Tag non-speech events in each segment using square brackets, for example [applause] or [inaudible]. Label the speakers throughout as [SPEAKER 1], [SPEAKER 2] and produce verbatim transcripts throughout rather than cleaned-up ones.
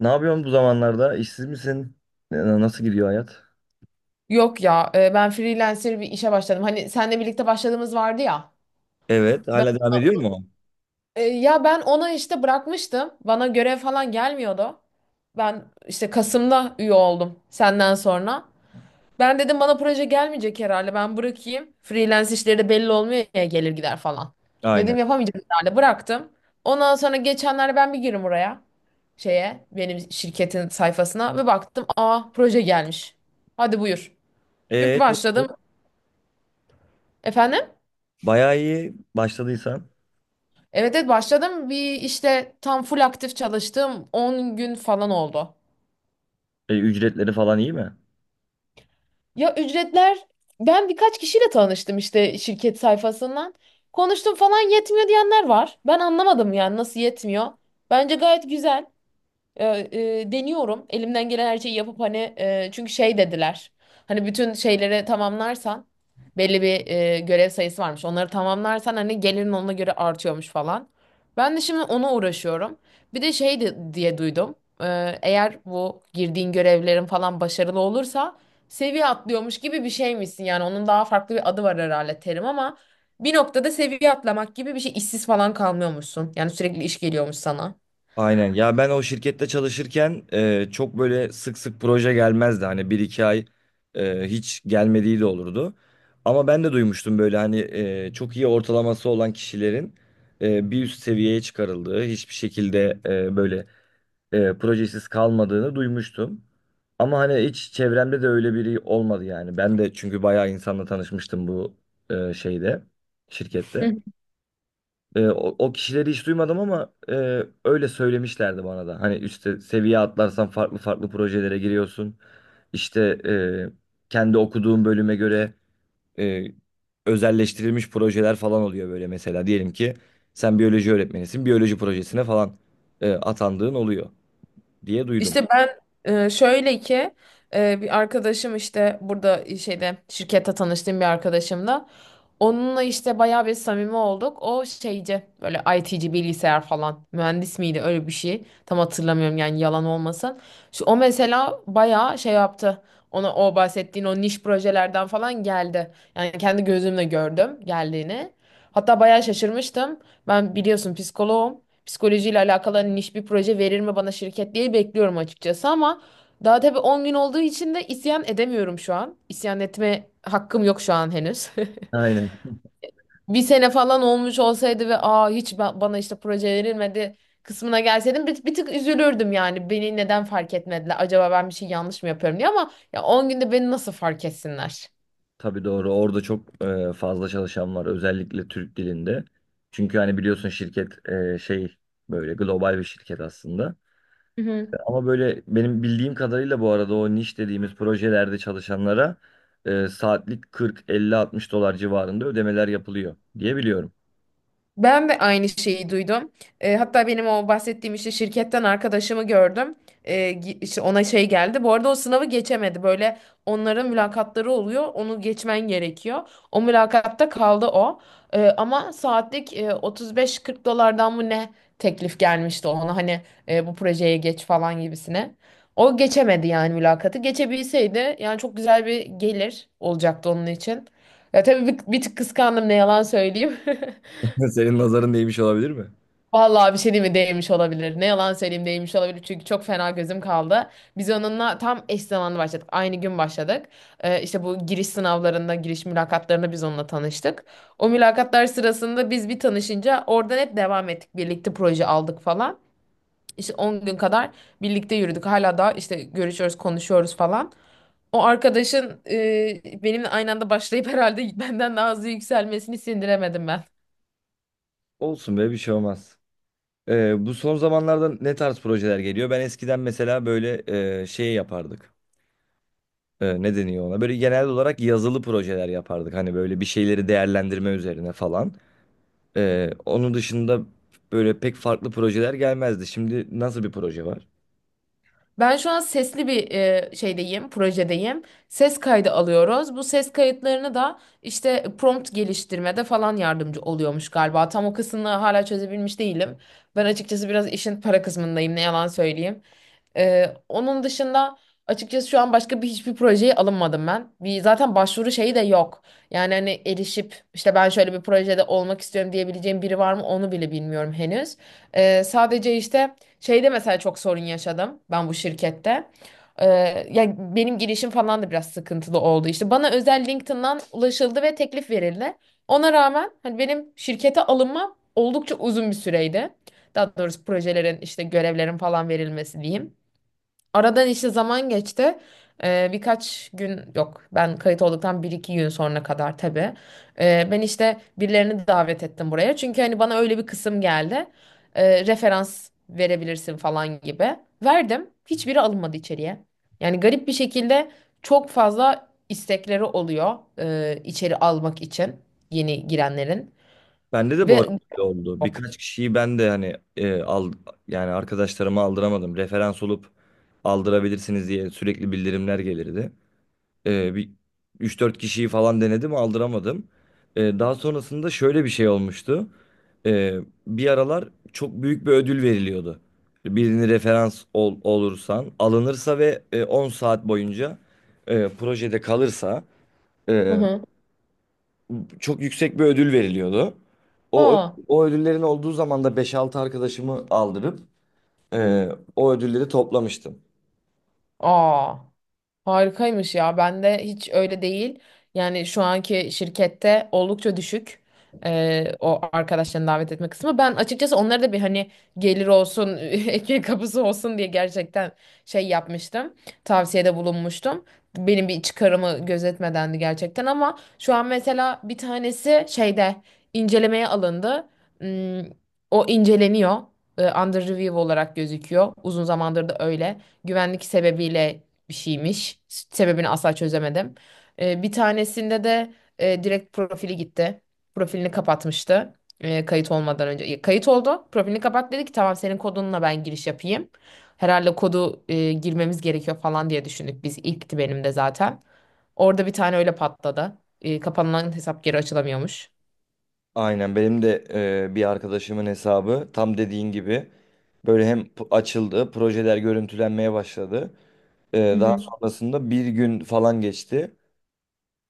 [SPEAKER 1] Ne yapıyorsun bu zamanlarda? İşsiz misin? Ee, Nasıl gidiyor hayat?
[SPEAKER 2] Yok ya e, ben freelancer bir işe başladım. Hani seninle birlikte başladığımız vardı ya.
[SPEAKER 1] Evet,
[SPEAKER 2] Ben,
[SPEAKER 1] hala devam ediyor mu?
[SPEAKER 2] e, ya ben ona işte bırakmıştım. Bana görev falan gelmiyordu. Ben işte Kasım'da üye oldum senden sonra. Ben dedim bana proje gelmeyecek herhalde. Ben bırakayım. Freelance işleri de belli olmuyor ya gelir gider falan.
[SPEAKER 1] Aynen.
[SPEAKER 2] Dedim yapamayacağım herhalde. Bıraktım. Ondan sonra geçenlerde ben bir girdim oraya. Şeye benim şirketin sayfasına ve baktım aa proje gelmiş. Hadi buyur. Bir
[SPEAKER 1] Ee, çok
[SPEAKER 2] başladım.
[SPEAKER 1] iyi.
[SPEAKER 2] Efendim?
[SPEAKER 1] Bayağı iyi başladıysan.
[SPEAKER 2] Evet, evet, başladım. Bir işte tam full aktif çalıştığım on gün falan oldu.
[SPEAKER 1] E, ücretleri falan iyi mi?
[SPEAKER 2] Ya ücretler ben birkaç kişiyle tanıştım işte şirket sayfasından. Konuştum falan yetmiyor diyenler var. Ben anlamadım yani nasıl yetmiyor. Bence gayet güzel. E, e, Deniyorum. Elimden gelen her şeyi yapıp hani e, çünkü şey dediler. Hani bütün şeyleri tamamlarsan belli bir e, görev sayısı varmış. Onları tamamlarsan hani gelirin ona göre artıyormuş falan. Ben de şimdi ona uğraşıyorum. Bir de şey de- diye duydum. E, eğer bu girdiğin görevlerin falan başarılı olursa seviye atlıyormuş gibi bir şeymişsin. Yani onun daha farklı bir adı var herhalde terim ama bir noktada seviye atlamak gibi bir şey işsiz falan kalmıyormuşsun. Yani sürekli iş geliyormuş sana.
[SPEAKER 1] Aynen. Ya ben o şirkette çalışırken e, çok böyle sık sık proje gelmezdi. Hani bir iki ay e, hiç gelmediği de olurdu. Ama ben de duymuştum böyle hani e, çok iyi ortalaması olan kişilerin e, bir üst seviyeye çıkarıldığı, hiçbir şekilde e, böyle e, projesiz kalmadığını duymuştum. Ama hani hiç çevremde de öyle biri olmadı yani. Ben de çünkü bayağı insanla tanışmıştım bu e, şeyde,
[SPEAKER 2] Hı
[SPEAKER 1] şirkette.
[SPEAKER 2] hı.
[SPEAKER 1] E, o, o kişileri hiç duymadım ama e, öyle söylemişlerdi bana da. Hani üstte seviye atlarsan farklı farklı projelere giriyorsun. İşte e, kendi okuduğum bölüme göre e, özelleştirilmiş projeler falan oluyor böyle mesela. Diyelim ki sen biyoloji öğretmenisin, biyoloji projesine falan e, atandığın oluyor diye duydum.
[SPEAKER 2] İşte ben e, şöyle ki e, bir arkadaşım işte burada şeyde şirkette tanıştığım bir arkadaşımla onunla işte bayağı bir samimi olduk. O şeyci böyle I T'ci bilgisayar falan mühendis miydi öyle bir şey. Tam hatırlamıyorum yani yalan olmasın. Şu, o mesela bayağı şey yaptı. Ona o bahsettiğin o niş projelerden falan geldi. Yani kendi gözümle gördüm geldiğini. Hatta bayağı şaşırmıştım. Ben biliyorsun psikoloğum. Psikolojiyle alakalı hani niş bir proje verir mi bana şirket diye bekliyorum açıkçası ama daha tabii on gün olduğu için de isyan edemiyorum şu an. İsyan etme hakkım yok şu an henüz. [laughs]
[SPEAKER 1] Aynen.
[SPEAKER 2] Bir sene falan olmuş olsaydı ve aa hiç ba- bana işte proje verilmedi kısmına gelseydim bir, bir tık üzülürdüm yani. Beni neden fark etmediler? Acaba ben bir şey yanlış mı yapıyorum diye ama ya on günde beni nasıl fark etsinler?
[SPEAKER 1] Tabii doğru. Orada çok e, fazla çalışan var. Özellikle Türk dilinde. Çünkü hani biliyorsun şirket e, şey böyle global bir şirket aslında. Ama böyle benim bildiğim kadarıyla bu arada o niş dediğimiz projelerde çalışanlara e, saatlik kırk, elli, altmış dolar civarında ödemeler yapılıyor diye biliyorum.
[SPEAKER 2] Ben de aynı şeyi duydum. E, hatta benim o bahsettiğim işte şirketten arkadaşımı gördüm. E, gi- işte ona şey geldi. Bu arada o sınavı geçemedi. Böyle onların mülakatları oluyor. Onu geçmen gerekiyor. O mülakatta kaldı o. E, ama saatlik e, 35-40 dolardan mı ne teklif gelmişti ona. Hani e, bu projeye geç falan gibisine. O geçemedi yani mülakatı. Geçebilseydi yani çok güzel bir gelir olacaktı onun için. Ya tabii bir, bir tık kıskandım ne yalan söyleyeyim. [laughs]
[SPEAKER 1] [laughs] Senin nazarın değmiş olabilir mi?
[SPEAKER 2] Vallahi bir şey değil mi değmiş olabilir. Ne yalan söyleyeyim değmiş olabilir çünkü çok fena gözüm kaldı. Biz onunla tam eş zamanlı başladık. Aynı gün başladık. Ee, işte bu giriş sınavlarında, giriş mülakatlarında biz onunla tanıştık. O mülakatlar sırasında biz bir tanışınca oradan hep devam ettik. Birlikte proje aldık falan. İşte on gün kadar birlikte yürüdük. Hala da işte görüşüyoruz, konuşuyoruz falan. O arkadaşın e, benimle aynı anda başlayıp [laughs] herhalde benden daha hızlı yükselmesini sindiremedim ben.
[SPEAKER 1] Olsun be, bir şey olmaz. E, bu son zamanlarda ne tarz projeler geliyor? Ben eskiden mesela böyle e, şey yapardık. E, ne deniyor ona? Böyle genel olarak yazılı projeler yapardık. Hani böyle bir şeyleri değerlendirme üzerine falan. E, onun dışında böyle pek farklı projeler gelmezdi. Şimdi nasıl bir proje var?
[SPEAKER 2] Ben şu an sesli bir e, şeydeyim, projedeyim. Ses kaydı alıyoruz. Bu ses kayıtlarını da işte prompt geliştirmede falan yardımcı oluyormuş galiba. Tam o kısmını hala çözebilmiş değilim. Ben açıkçası biraz işin para kısmındayım, ne yalan söyleyeyim. Ee, onun dışında açıkçası şu an başka bir hiçbir projeye alınmadım ben. Bir, zaten başvuru şeyi de yok. Yani hani erişip işte ben şöyle bir projede olmak istiyorum diyebileceğim biri var mı onu bile bilmiyorum henüz. Ee, sadece işte şeyde mesela çok sorun yaşadım ben bu şirkette. Ee, Ya benim girişim falan da biraz sıkıntılı oldu. İşte bana özel LinkedIn'dan ulaşıldı ve teklif verildi. Ona rağmen hani benim şirkete alınmam oldukça uzun bir süreydi. Daha doğrusu projelerin işte görevlerin falan verilmesi diyeyim. Aradan işte zaman geçti. Ee, birkaç gün yok ben kayıt olduktan bir iki gün sonra kadar tabii. Ee, ben işte birilerini davet ettim buraya. Çünkü hani bana öyle bir kısım geldi. Ee, referans verebilirsin falan gibi. Verdim. Hiçbiri alınmadı içeriye. Yani garip bir şekilde çok fazla istekleri oluyor e, içeri almak için yeni girenlerin.
[SPEAKER 1] Bende de bu arada
[SPEAKER 2] Ve
[SPEAKER 1] öyle oldu.
[SPEAKER 2] yok.
[SPEAKER 1] Birkaç kişiyi ben de hani e, al, yani arkadaşlarıma aldıramadım. Referans olup aldırabilirsiniz diye sürekli bildirimler gelirdi. Ee, bir üç dört kişiyi falan denedim aldıramadım. Ee, daha sonrasında şöyle bir şey olmuştu. Ee, Bir aralar çok büyük bir ödül veriliyordu. Birini referans ol- olursan alınırsa ve e, on saat boyunca e, projede kalırsa
[SPEAKER 2] Hı
[SPEAKER 1] e,
[SPEAKER 2] hı.
[SPEAKER 1] çok yüksek bir ödül veriliyordu. O, ö-
[SPEAKER 2] Aa.
[SPEAKER 1] o ödüllerin olduğu zaman da beş altı arkadaşımı aldırıp e, o ödülleri toplamıştım.
[SPEAKER 2] Aa. Harikaymış ya. Bende hiç öyle değil. Yani şu anki şirkette oldukça düşük. E, o arkadaşlarını davet etme kısmı. Ben açıkçası onlara da bir hani gelir olsun, [laughs] ekmek kapısı olsun diye gerçekten şey yapmıştım. Tavsiyede bulunmuştum. Benim bir çıkarımı gözetmedendi gerçekten ama şu an mesela bir tanesi şeyde incelemeye alındı. Hmm, O inceleniyor. E, Under review olarak gözüküyor. Uzun zamandır da öyle güvenlik sebebiyle bir şeymiş. Sebebini asla çözemedim. Ee, bir tanesinde de e, direkt profili gitti. Profilini kapatmıştı. E, kayıt olmadan önce. E, Kayıt oldu. Profilini kapat dedi ki tamam senin kodunla ben giriş yapayım. Herhalde kodu e, girmemiz gerekiyor falan diye düşündük biz. İlkti benim de zaten. Orada bir tane öyle patladı. E, kapanılan hesap geri açılamıyormuş.
[SPEAKER 1] Aynen benim de e, bir arkadaşımın hesabı tam dediğin gibi böyle hem p- açıldı, projeler görüntülenmeye başladı.
[SPEAKER 2] Hı
[SPEAKER 1] E, daha
[SPEAKER 2] hı.
[SPEAKER 1] sonrasında bir gün falan geçti.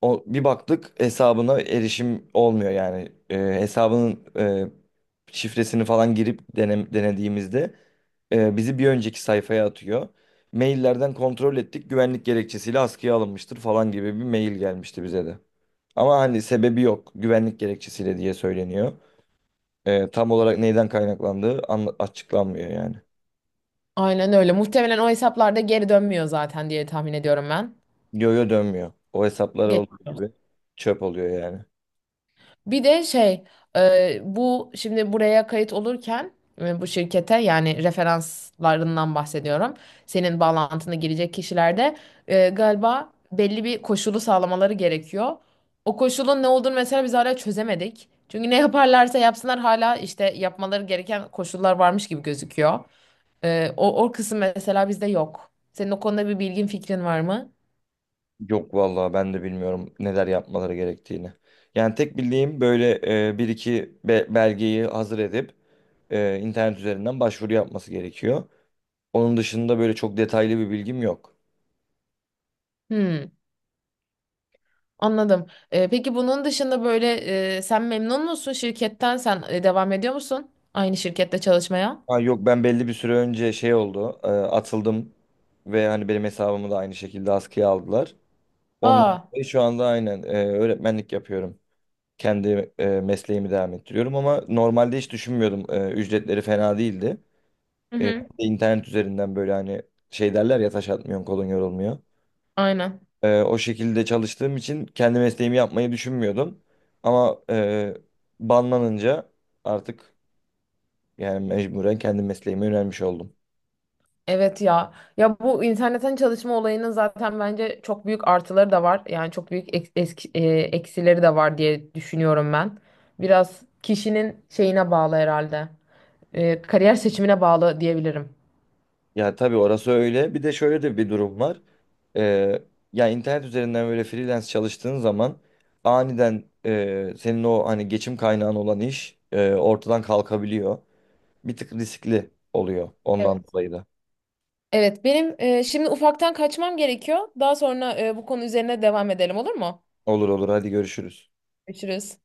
[SPEAKER 1] O, bir baktık hesabına erişim olmuyor yani. E, hesabının e, şifresini falan girip denem- denediğimizde e, bizi bir önceki sayfaya atıyor. Maillerden kontrol ettik, güvenlik gerekçesiyle askıya alınmıştır falan gibi bir mail gelmişti bize de. Ama hani sebebi yok, güvenlik gerekçesiyle diye söyleniyor. E, tam olarak neyden kaynaklandığı anla- açıklanmıyor yani.
[SPEAKER 2] Aynen öyle. Muhtemelen o hesaplarda geri dönmüyor zaten diye tahmin ediyorum ben.
[SPEAKER 1] Yo-yo dönmüyor. O hesaplar olduğu gibi çöp oluyor yani.
[SPEAKER 2] Bir de şey e, bu şimdi buraya kayıt olurken e, bu şirkete yani referanslarından bahsediyorum. Senin bağlantına girecek kişilerde e, galiba belli bir koşulu sağlamaları gerekiyor. O koşulun ne olduğunu mesela biz hala çözemedik. Çünkü ne yaparlarsa yapsınlar hala işte yapmaları gereken koşullar varmış gibi gözüküyor. E, o, o kısım mesela bizde yok. Senin o konuda bir bilgin fikrin var mı?
[SPEAKER 1] Yok vallahi, ben de bilmiyorum neler yapmaları gerektiğini. Yani tek bildiğim böyle e, bir iki be- belgeyi hazır edip e, internet üzerinden başvuru yapması gerekiyor. Onun dışında böyle çok detaylı bir bilgim yok.
[SPEAKER 2] Hmm. Anladım. Ee, peki bunun dışında böyle e, sen memnun musun şirketten? Sen e, devam ediyor musun aynı şirkette çalışmaya?
[SPEAKER 1] Ha, yok, ben belli bir süre önce şey oldu, e, atıldım ve hani benim hesabımı da aynı şekilde askıya aldılar. Ondan
[SPEAKER 2] Aa.
[SPEAKER 1] dolayı şu anda aynen e, öğretmenlik yapıyorum, kendi e, mesleğimi devam ettiriyorum ama normalde hiç düşünmüyordum. E, ücretleri fena değildi.
[SPEAKER 2] Hı
[SPEAKER 1] E,
[SPEAKER 2] hı.
[SPEAKER 1] internet üzerinden böyle hani şey derler ya, taş atmıyorsun kolun yorulmuyor.
[SPEAKER 2] Aynen.
[SPEAKER 1] E, o şekilde çalıştığım için kendi mesleğimi yapmayı düşünmüyordum. Ama e, banlanınca artık yani mecburen kendi mesleğime yönelmiş oldum.
[SPEAKER 2] Evet ya. Ya bu internetten çalışma olayının zaten bence çok büyük artıları da var. Yani çok büyük ek- eski- e, eksileri de var diye düşünüyorum ben. Biraz kişinin şeyine bağlı herhalde. E, kariyer seçimine bağlı diyebilirim.
[SPEAKER 1] Ya tabii orası öyle. Bir de şöyle de bir durum var. Ee, Ya internet üzerinden böyle freelance çalıştığın zaman aniden e, senin o hani geçim kaynağın olan iş e, ortadan kalkabiliyor. Bir tık riskli oluyor ondan
[SPEAKER 2] Evet,
[SPEAKER 1] dolayı da.
[SPEAKER 2] evet, benim e, şimdi ufaktan kaçmam gerekiyor. Daha sonra e, bu konu üzerine devam edelim olur mu?
[SPEAKER 1] Olur olur, hadi görüşürüz.
[SPEAKER 2] Görüşürüz.